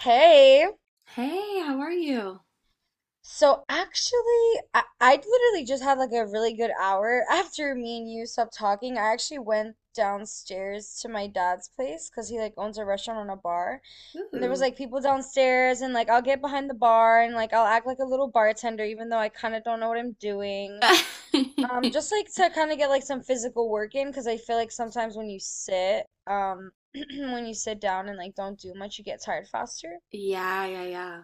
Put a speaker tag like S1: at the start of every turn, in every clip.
S1: Hey,
S2: Hey, how are you?
S1: so actually, I literally just had like a really good hour after me and you stopped talking. I actually went downstairs to my dad's place because he like owns a restaurant and a bar. And there was
S2: Ooh.
S1: like people downstairs, and like I'll get behind the bar and like I'll act like a little bartender, even though I kind of don't know what I'm doing. Just like to kind of get like some physical work in because I feel like sometimes when you sit, when you sit down and like don't do much, you get tired faster.
S2: Yeah, yeah, yeah.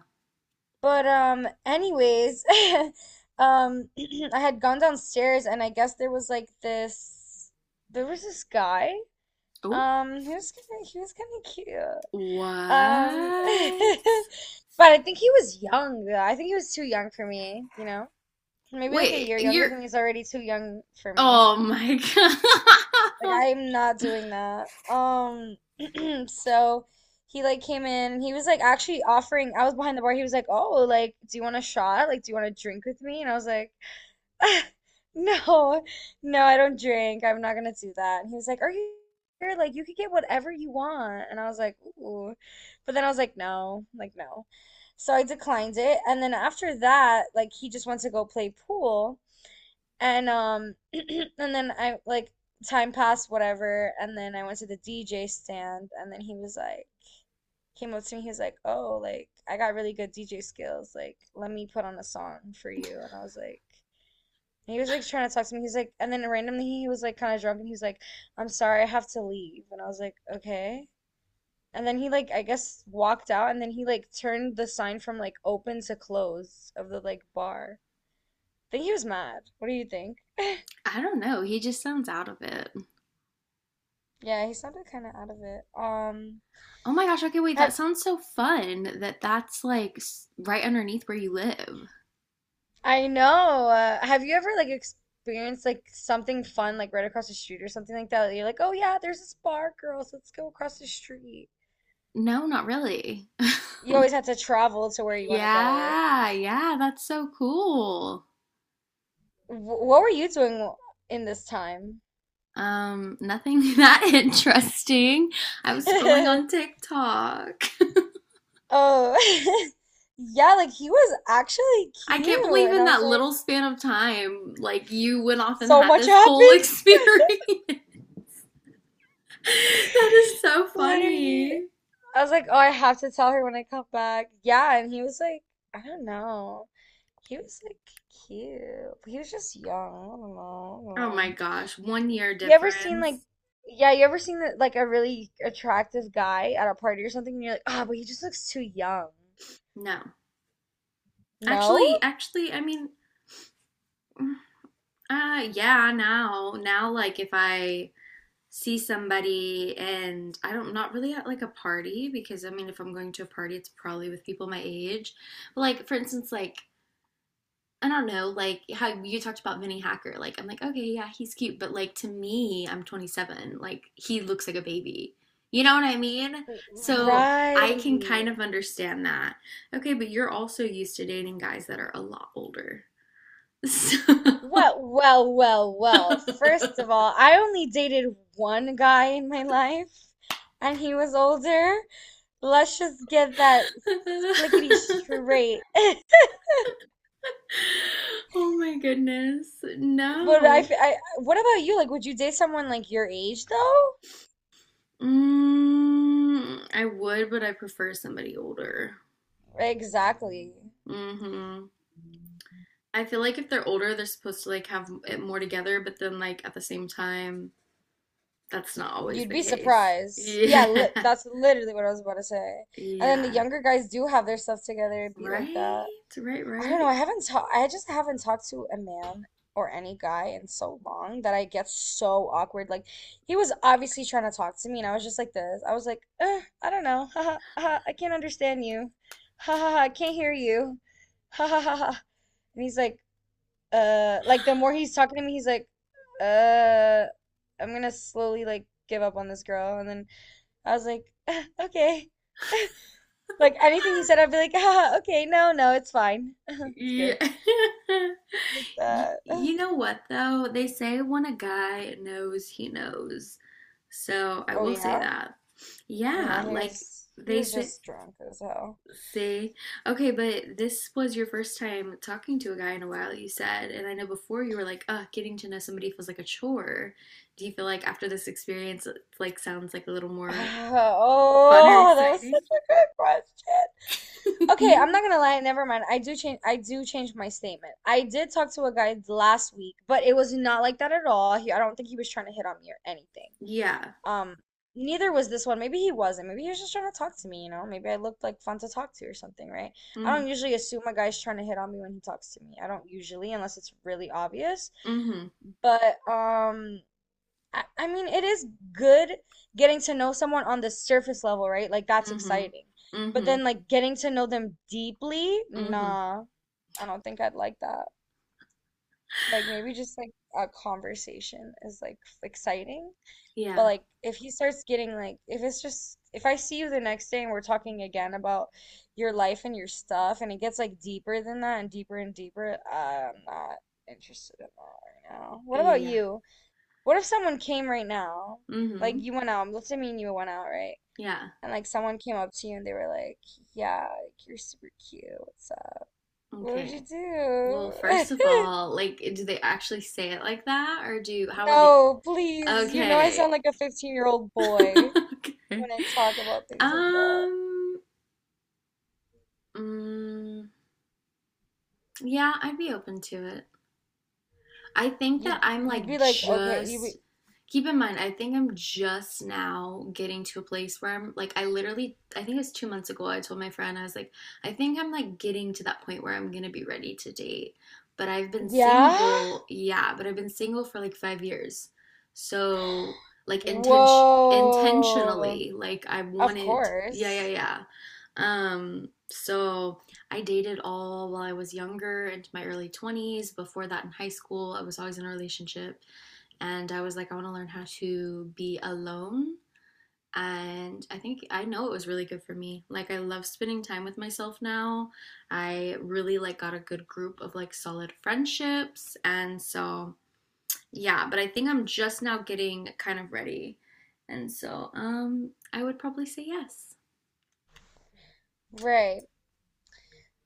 S1: But anyways, um I had gone downstairs and I guess there was like this guy.
S2: Oh,
S1: He was kind of cute.
S2: what?
S1: Um but I think he was young though. I think he was too young for me, you know? Maybe like a
S2: Wait,
S1: year younger
S2: you're.
S1: than me is already too young for me.
S2: Oh my
S1: Like
S2: God.
S1: I'm not doing that. So he like came in and he was like actually offering, I was behind the bar. He was like, "Oh, like do you want a shot? Like do you want to drink with me?" And I was like, "No. No, I don't drink. I'm not gonna do that." And he was like, "Are you here? Like you could get whatever you want." And I was like, "Ooh." But then I was like, "No. Like no." So I declined it. And then after that, like he just went to go play pool. And and then I like time passed, whatever, and then I went to the DJ stand and then he was like came up to me, he was like, oh, like I got really good DJ skills, like let me put on a song for you and I was like and he was like trying to talk to me. He's like and then randomly he was like kinda drunk and he was like, I'm sorry, I have to leave and I was like, okay. And then he like I guess walked out and then he like turned the sign from like open to close of the like bar. I think he was mad. What do you think?
S2: I don't know. He just sounds out of it.
S1: Yeah, he sounded kind of out of it.
S2: Oh my gosh. Okay, wait. That
S1: Have
S2: sounds so fun that that's right underneath where you live.
S1: I know. Have you ever like experienced like something fun like right across the street or something like that? You're like, oh yeah, there's this bar, girls. Let's go across the street.
S2: No, not really.
S1: You always have to travel to where you want to go, right?
S2: Yeah, yeah. That's so cool.
S1: Wh What were you doing in this time?
S2: Nothing that interesting. I was scrolling on TikTok.
S1: Oh, yeah, like he was actually
S2: I
S1: cute,
S2: can't believe
S1: and
S2: in
S1: I was
S2: that
S1: like,
S2: little span of time, like you went off and
S1: so
S2: had
S1: much
S2: this whole
S1: happened,
S2: experience. That is so
S1: literally.
S2: funny.
S1: I was like, oh, I have to tell her when I come back. Yeah, and he was like, I don't know. He was like cute. He was just young. I don't know. I don't
S2: Oh
S1: know.
S2: my gosh, 1 year
S1: You ever seen
S2: difference.
S1: like, yeah, you ever seen that like a really attractive guy at a party or something, and you're like, ah, but he just looks too young.
S2: No.
S1: No?
S2: Actually, I mean, yeah, now, like if I see somebody and I don't, not really at like a party, because I mean, if I'm going to a party, it's probably with people my age. But like, for instance, like I don't know, like how you talked about Vinny Hacker. Like, I'm like, okay, yeah, he's cute, but like to me, I'm 27. Like, he looks like a baby. You know what I mean? So I can kind
S1: Right.
S2: of understand that. Okay, but you're also used to dating guys that are a lot older. So.
S1: Well, well, well, well. First of all, I only dated one guy in my life, and he was older. Let's just get that splickety straight.
S2: Oh my goodness.
S1: But
S2: No.
S1: what about you? Like, would you date someone like your age though?
S2: Mm, I would, but I prefer somebody older.
S1: Exactly.
S2: Hmm. I feel like if they're older, they're supposed to like have it more together, but then like at the same time, that's not always
S1: You'd
S2: the
S1: be
S2: case.
S1: surprised.
S2: Yeah.
S1: Yeah, li that's literally what I was about to say. And then the
S2: Yeah.
S1: younger guys do have their stuff together. It'd be like
S2: Right?
S1: that.
S2: Right,
S1: I don't know.
S2: right.
S1: I just haven't talked to a man or any guy in so long that I get so awkward. Like he was obviously trying to talk to me, and I was just like this. I was like, eh, I don't know. Ha ha ha! I can't understand you. Ha ha ha! I can't hear you. Ha ha ha ha! And he's like the more he's talking to me, he's like, uh, I'm gonna slowly like give up on this girl. And then I was like, "Eh, okay. Like anything he said, I'd be like, ha ha, okay, no, no, it's fine." It's
S2: Yeah.
S1: good like
S2: Y-
S1: that.
S2: You know what though? They say when a guy knows, he knows. So I
S1: Oh
S2: will say
S1: yeah?
S2: that.
S1: No,
S2: Yeah,
S1: he
S2: like
S1: was he
S2: they
S1: was
S2: say.
S1: just drunk as hell.
S2: See, okay, but this was your first time talking to a guy in a while, you said, and I know before you were like, "Ugh, getting to know somebody feels like a chore." Do you feel like after this experience, it like sounds like a little more fun or
S1: Oh, that was
S2: exciting?
S1: such a good question. Okay, I'm not gonna lie, never mind. I do change my statement. I did talk to a guy last week, but it was not like that at all. He, I don't think he was trying to hit on me or anything.
S2: Yeah.
S1: Um, neither was this one. Maybe he wasn't. Maybe he was just trying to talk to me, you know? Maybe I looked like fun to talk to or something, right? I
S2: Mm-hmm.
S1: don't usually assume a guy's trying to hit on me when he talks to me. I don't usually, unless it's really obvious.
S2: Mm-hmm.
S1: But I mean, it is good getting to know someone on the surface level, right? Like that's
S2: Mm-hmm.
S1: exciting. But
S2: Mm-hmm.
S1: then like getting to know them deeply,
S2: Mm-hmm.
S1: nah, I don't think I'd like that. Like maybe just like a conversation is like exciting. But
S2: Yeah.
S1: like if he starts getting like if it's just if I see you the next day and we're talking again about your life and your stuff and it gets like deeper than that and deeper, I'm not interested in that right now. What about
S2: Yeah.
S1: you? What if someone came right now? Like
S2: Mm-hmm.
S1: you went out, let's say me and you went out, right?
S2: Yeah.
S1: And like someone came up to you and they were like, yeah, like you're super cute. What's up? What would you
S2: Okay. Well, first of
S1: do?
S2: all, like, do they actually say it like that, or do how would they?
S1: No, please. You know I
S2: Okay.
S1: sound like a 15-year-old boy
S2: Okay.
S1: when I talk about things like that.
S2: Um, mm, yeah, I'd be open to it. I think that
S1: You'd
S2: I'm
S1: you'd
S2: like
S1: be like, okay, you
S2: just
S1: be
S2: keep in mind, I think I'm just now getting to a place where I'm like I literally I think it was 2 months ago I told my friend I was like, I think I'm like getting to that point where I'm gonna be ready to date. But I've been
S1: yeah?
S2: single, yeah, but I've been single for like 5 years. So like
S1: Whoa.
S2: intentionally, like I
S1: Of
S2: wanted yeah, yeah,
S1: course.
S2: yeah. So I dated all while I was younger, into my early 20s. Before that, in high school, I was always in a relationship. And I was like, I want to learn how to be alone. And I think I know it was really good for me. Like, I love spending time with myself now. I really like got a good group of like solid friendships. And so, yeah, but I think I'm just now getting kind of ready. And so, I would probably say yes.
S1: Right.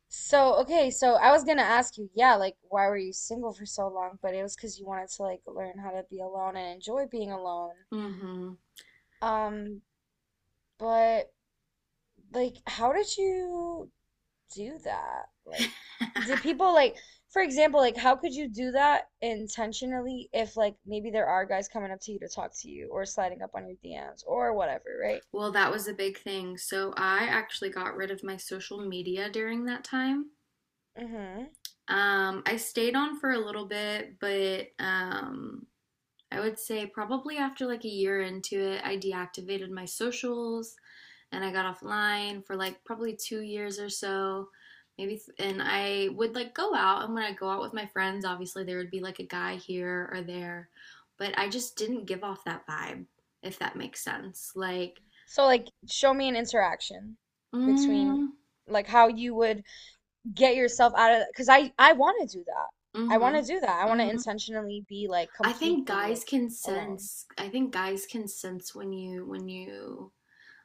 S1: So, okay, so I was gonna ask you, yeah, like why were you single for so long? But it was because you wanted to like learn how to be alone and enjoy being alone.
S2: Mm hmm.
S1: Um, but like how did you do that? Like did people like for example, like how could you do that intentionally if like maybe there are guys coming up to you to talk to you or sliding up on your DMs or whatever, right?
S2: Well, that was a big thing. So I actually got rid of my social media during that time.
S1: Mm-hmm.
S2: I stayed on for a little bit, but I would say probably after like a year into it, I deactivated my socials and I got offline for like probably 2 years or so. Maybe, and I would like go out, and when I go out with my friends, obviously there would be like a guy here or there, but I just didn't give off that vibe, if that makes sense. Like,
S1: So like show me an interaction between
S2: mm.
S1: like how you would get yourself out of because I want to do that. I
S2: Mhm.
S1: want to do that. I want to
S2: Mhm.
S1: intentionally be like
S2: I think
S1: completely
S2: guys
S1: like
S2: can
S1: alone.
S2: sense. I think guys can sense when you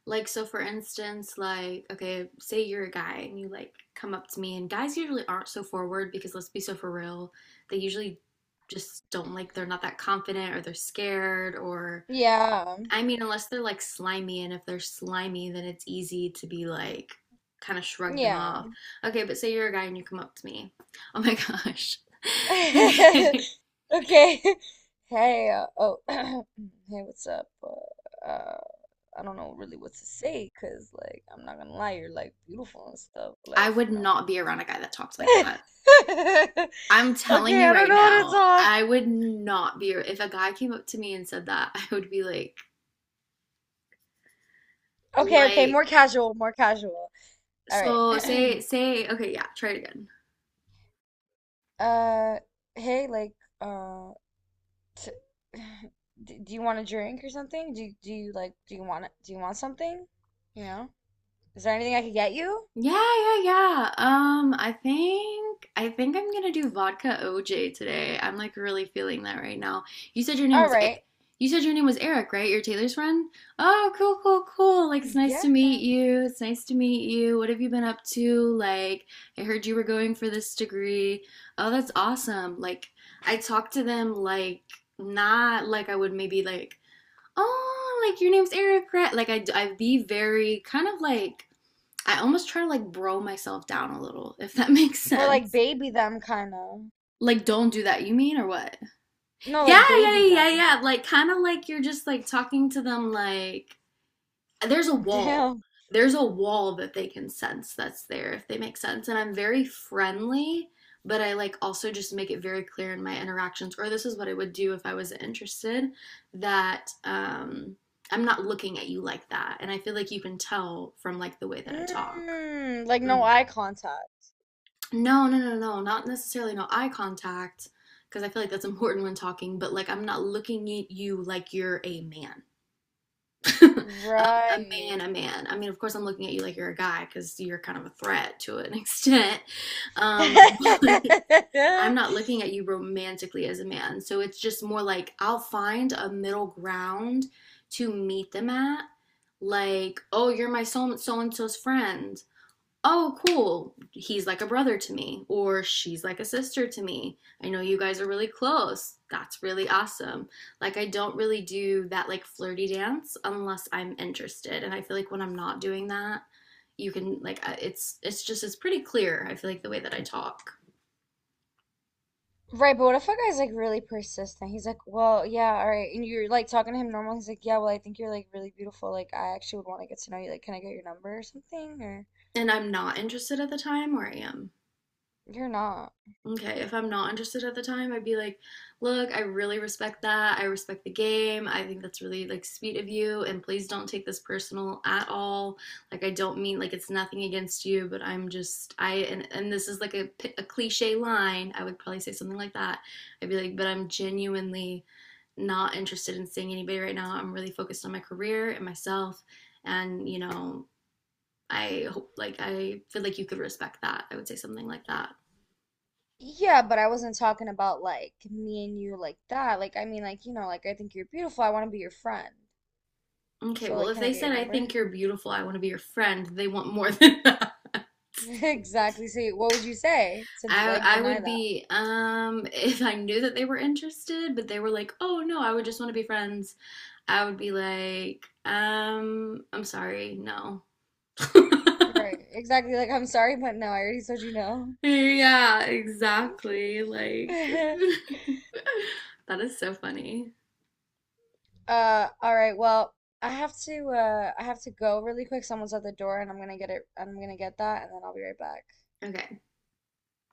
S2: like so for instance, like okay, say you're a guy and you like come up to me and guys usually aren't so forward because let's be so for real, they usually just don't like they're not that confident or they're scared or
S1: Yeah.
S2: I mean unless they're like slimy and if they're slimy then it's easy to be like kind of shrug them
S1: Yeah.
S2: off. Okay, but say you're a guy and you come up to me. Oh my gosh. Okay.
S1: Okay. Hey, oh, hey, what's up? I don't know really what to say because, like, I'm not gonna lie, you're like beautiful and stuff.
S2: I
S1: Like,
S2: would
S1: you know.
S2: not be around a guy that talked like that. I'm telling
S1: Okay,
S2: you
S1: I don't
S2: right
S1: know how to
S2: now,
S1: talk.
S2: I would not be if a guy came up to me and said that, I would be
S1: Okay, okay, more
S2: like,
S1: casual, more casual. All right.
S2: so say okay, yeah, try it again.
S1: Uh, Hey, like, um. t- do you want a drink or something? Do you like do you want something? You know? Is there anything I could get you?
S2: Yeah, yeah, yeah. I think I'm gonna do vodka OJ today. I'm like really feeling that right now. You said your name
S1: All
S2: was
S1: right.
S2: you said your name was Eric, right? You're Taylor's friend? Oh, cool. Like it's nice
S1: Yeah.
S2: to meet you. It's nice to meet you. What have you been up to? Like I heard you were going for this degree. Oh, that's awesome. Like I talked to them like not like I would maybe like, "Oh, like your name's Eric, right?" Like I'd be very kind of like I almost try to like bro myself down a little, if that makes
S1: Or like
S2: sense.
S1: baby them kind of.
S2: Like, don't do that, you mean, or what?
S1: No, like baby them.
S2: Yeah. Like, kind of like you're just like talking to them, like, there's a wall.
S1: Damn.
S2: There's a wall that they can sense that's there, if they make sense. And I'm very friendly, but I like also just make it very clear in my interactions, or this is what I would do if I was interested, that I'm not looking at you like that. And I feel like you can tell from like the way that I talk.
S1: Mm, like no eye contact.
S2: No, No, not necessarily no eye contact, because I feel like that's important when talking, but like I'm not looking at you like you're a man. A
S1: Right.
S2: man. I mean, of course, I'm looking at you like you're a guy because you're kind of a threat to an extent. But I'm not looking at you romantically as a man. So it's just more like I'll find a middle ground to meet them at. Like, oh, you're my and so's friend oh, cool, he's like a brother to me, or she's like a sister to me. I know you guys are really close. That's really awesome. Like, I don't really do that like flirty dance unless I'm interested. And I feel like when I'm not doing that, you can like it's just it's pretty clear I feel like the way that I talk
S1: Right, but what if a guy's like really persistent? He's like, well, yeah, all right. And you're like talking to him normal. He's like, yeah, well, I think you're like really beautiful. Like, I actually would want to get to know you. Like, can I get your number or something? Or
S2: and I'm not interested at the time or I am.
S1: you're not.
S2: Okay, if I'm not interested at the time, I'd be like, look, I really respect that. I respect the game. I think that's really like sweet of you, and please don't take this personal at all. Like I don't mean like it's nothing against you, but I'm just I and this is like a cliche line. I would probably say something like that. I'd be like, but I'm genuinely not interested in seeing anybody right now. I'm really focused on my career and myself, and you know, I hope like I feel like you could respect that. I would say something like that.
S1: Yeah, but I wasn't talking about like me and you like that. Like, I mean, like, you know, like, I think you're beautiful. I want to be your friend.
S2: Okay,
S1: So,
S2: well,
S1: like,
S2: if
S1: can I
S2: they
S1: get your
S2: said, I
S1: number?
S2: think you're beautiful, I want to be your friend, they want more than that.
S1: Exactly. See, what would you say to
S2: I,
S1: like
S2: I
S1: deny
S2: would
S1: that?
S2: be, if I knew that they were interested, but they were like, oh no, I would just want to be friends, I would be like, I'm sorry, no.
S1: Right. Exactly. Like, I'm sorry, but no, I already told you no.
S2: Yeah, exactly. Like, that is so funny.
S1: All right. Well, I have to go really quick. Someone's at the door and I'm gonna get that and then I'll be right back.
S2: Okay,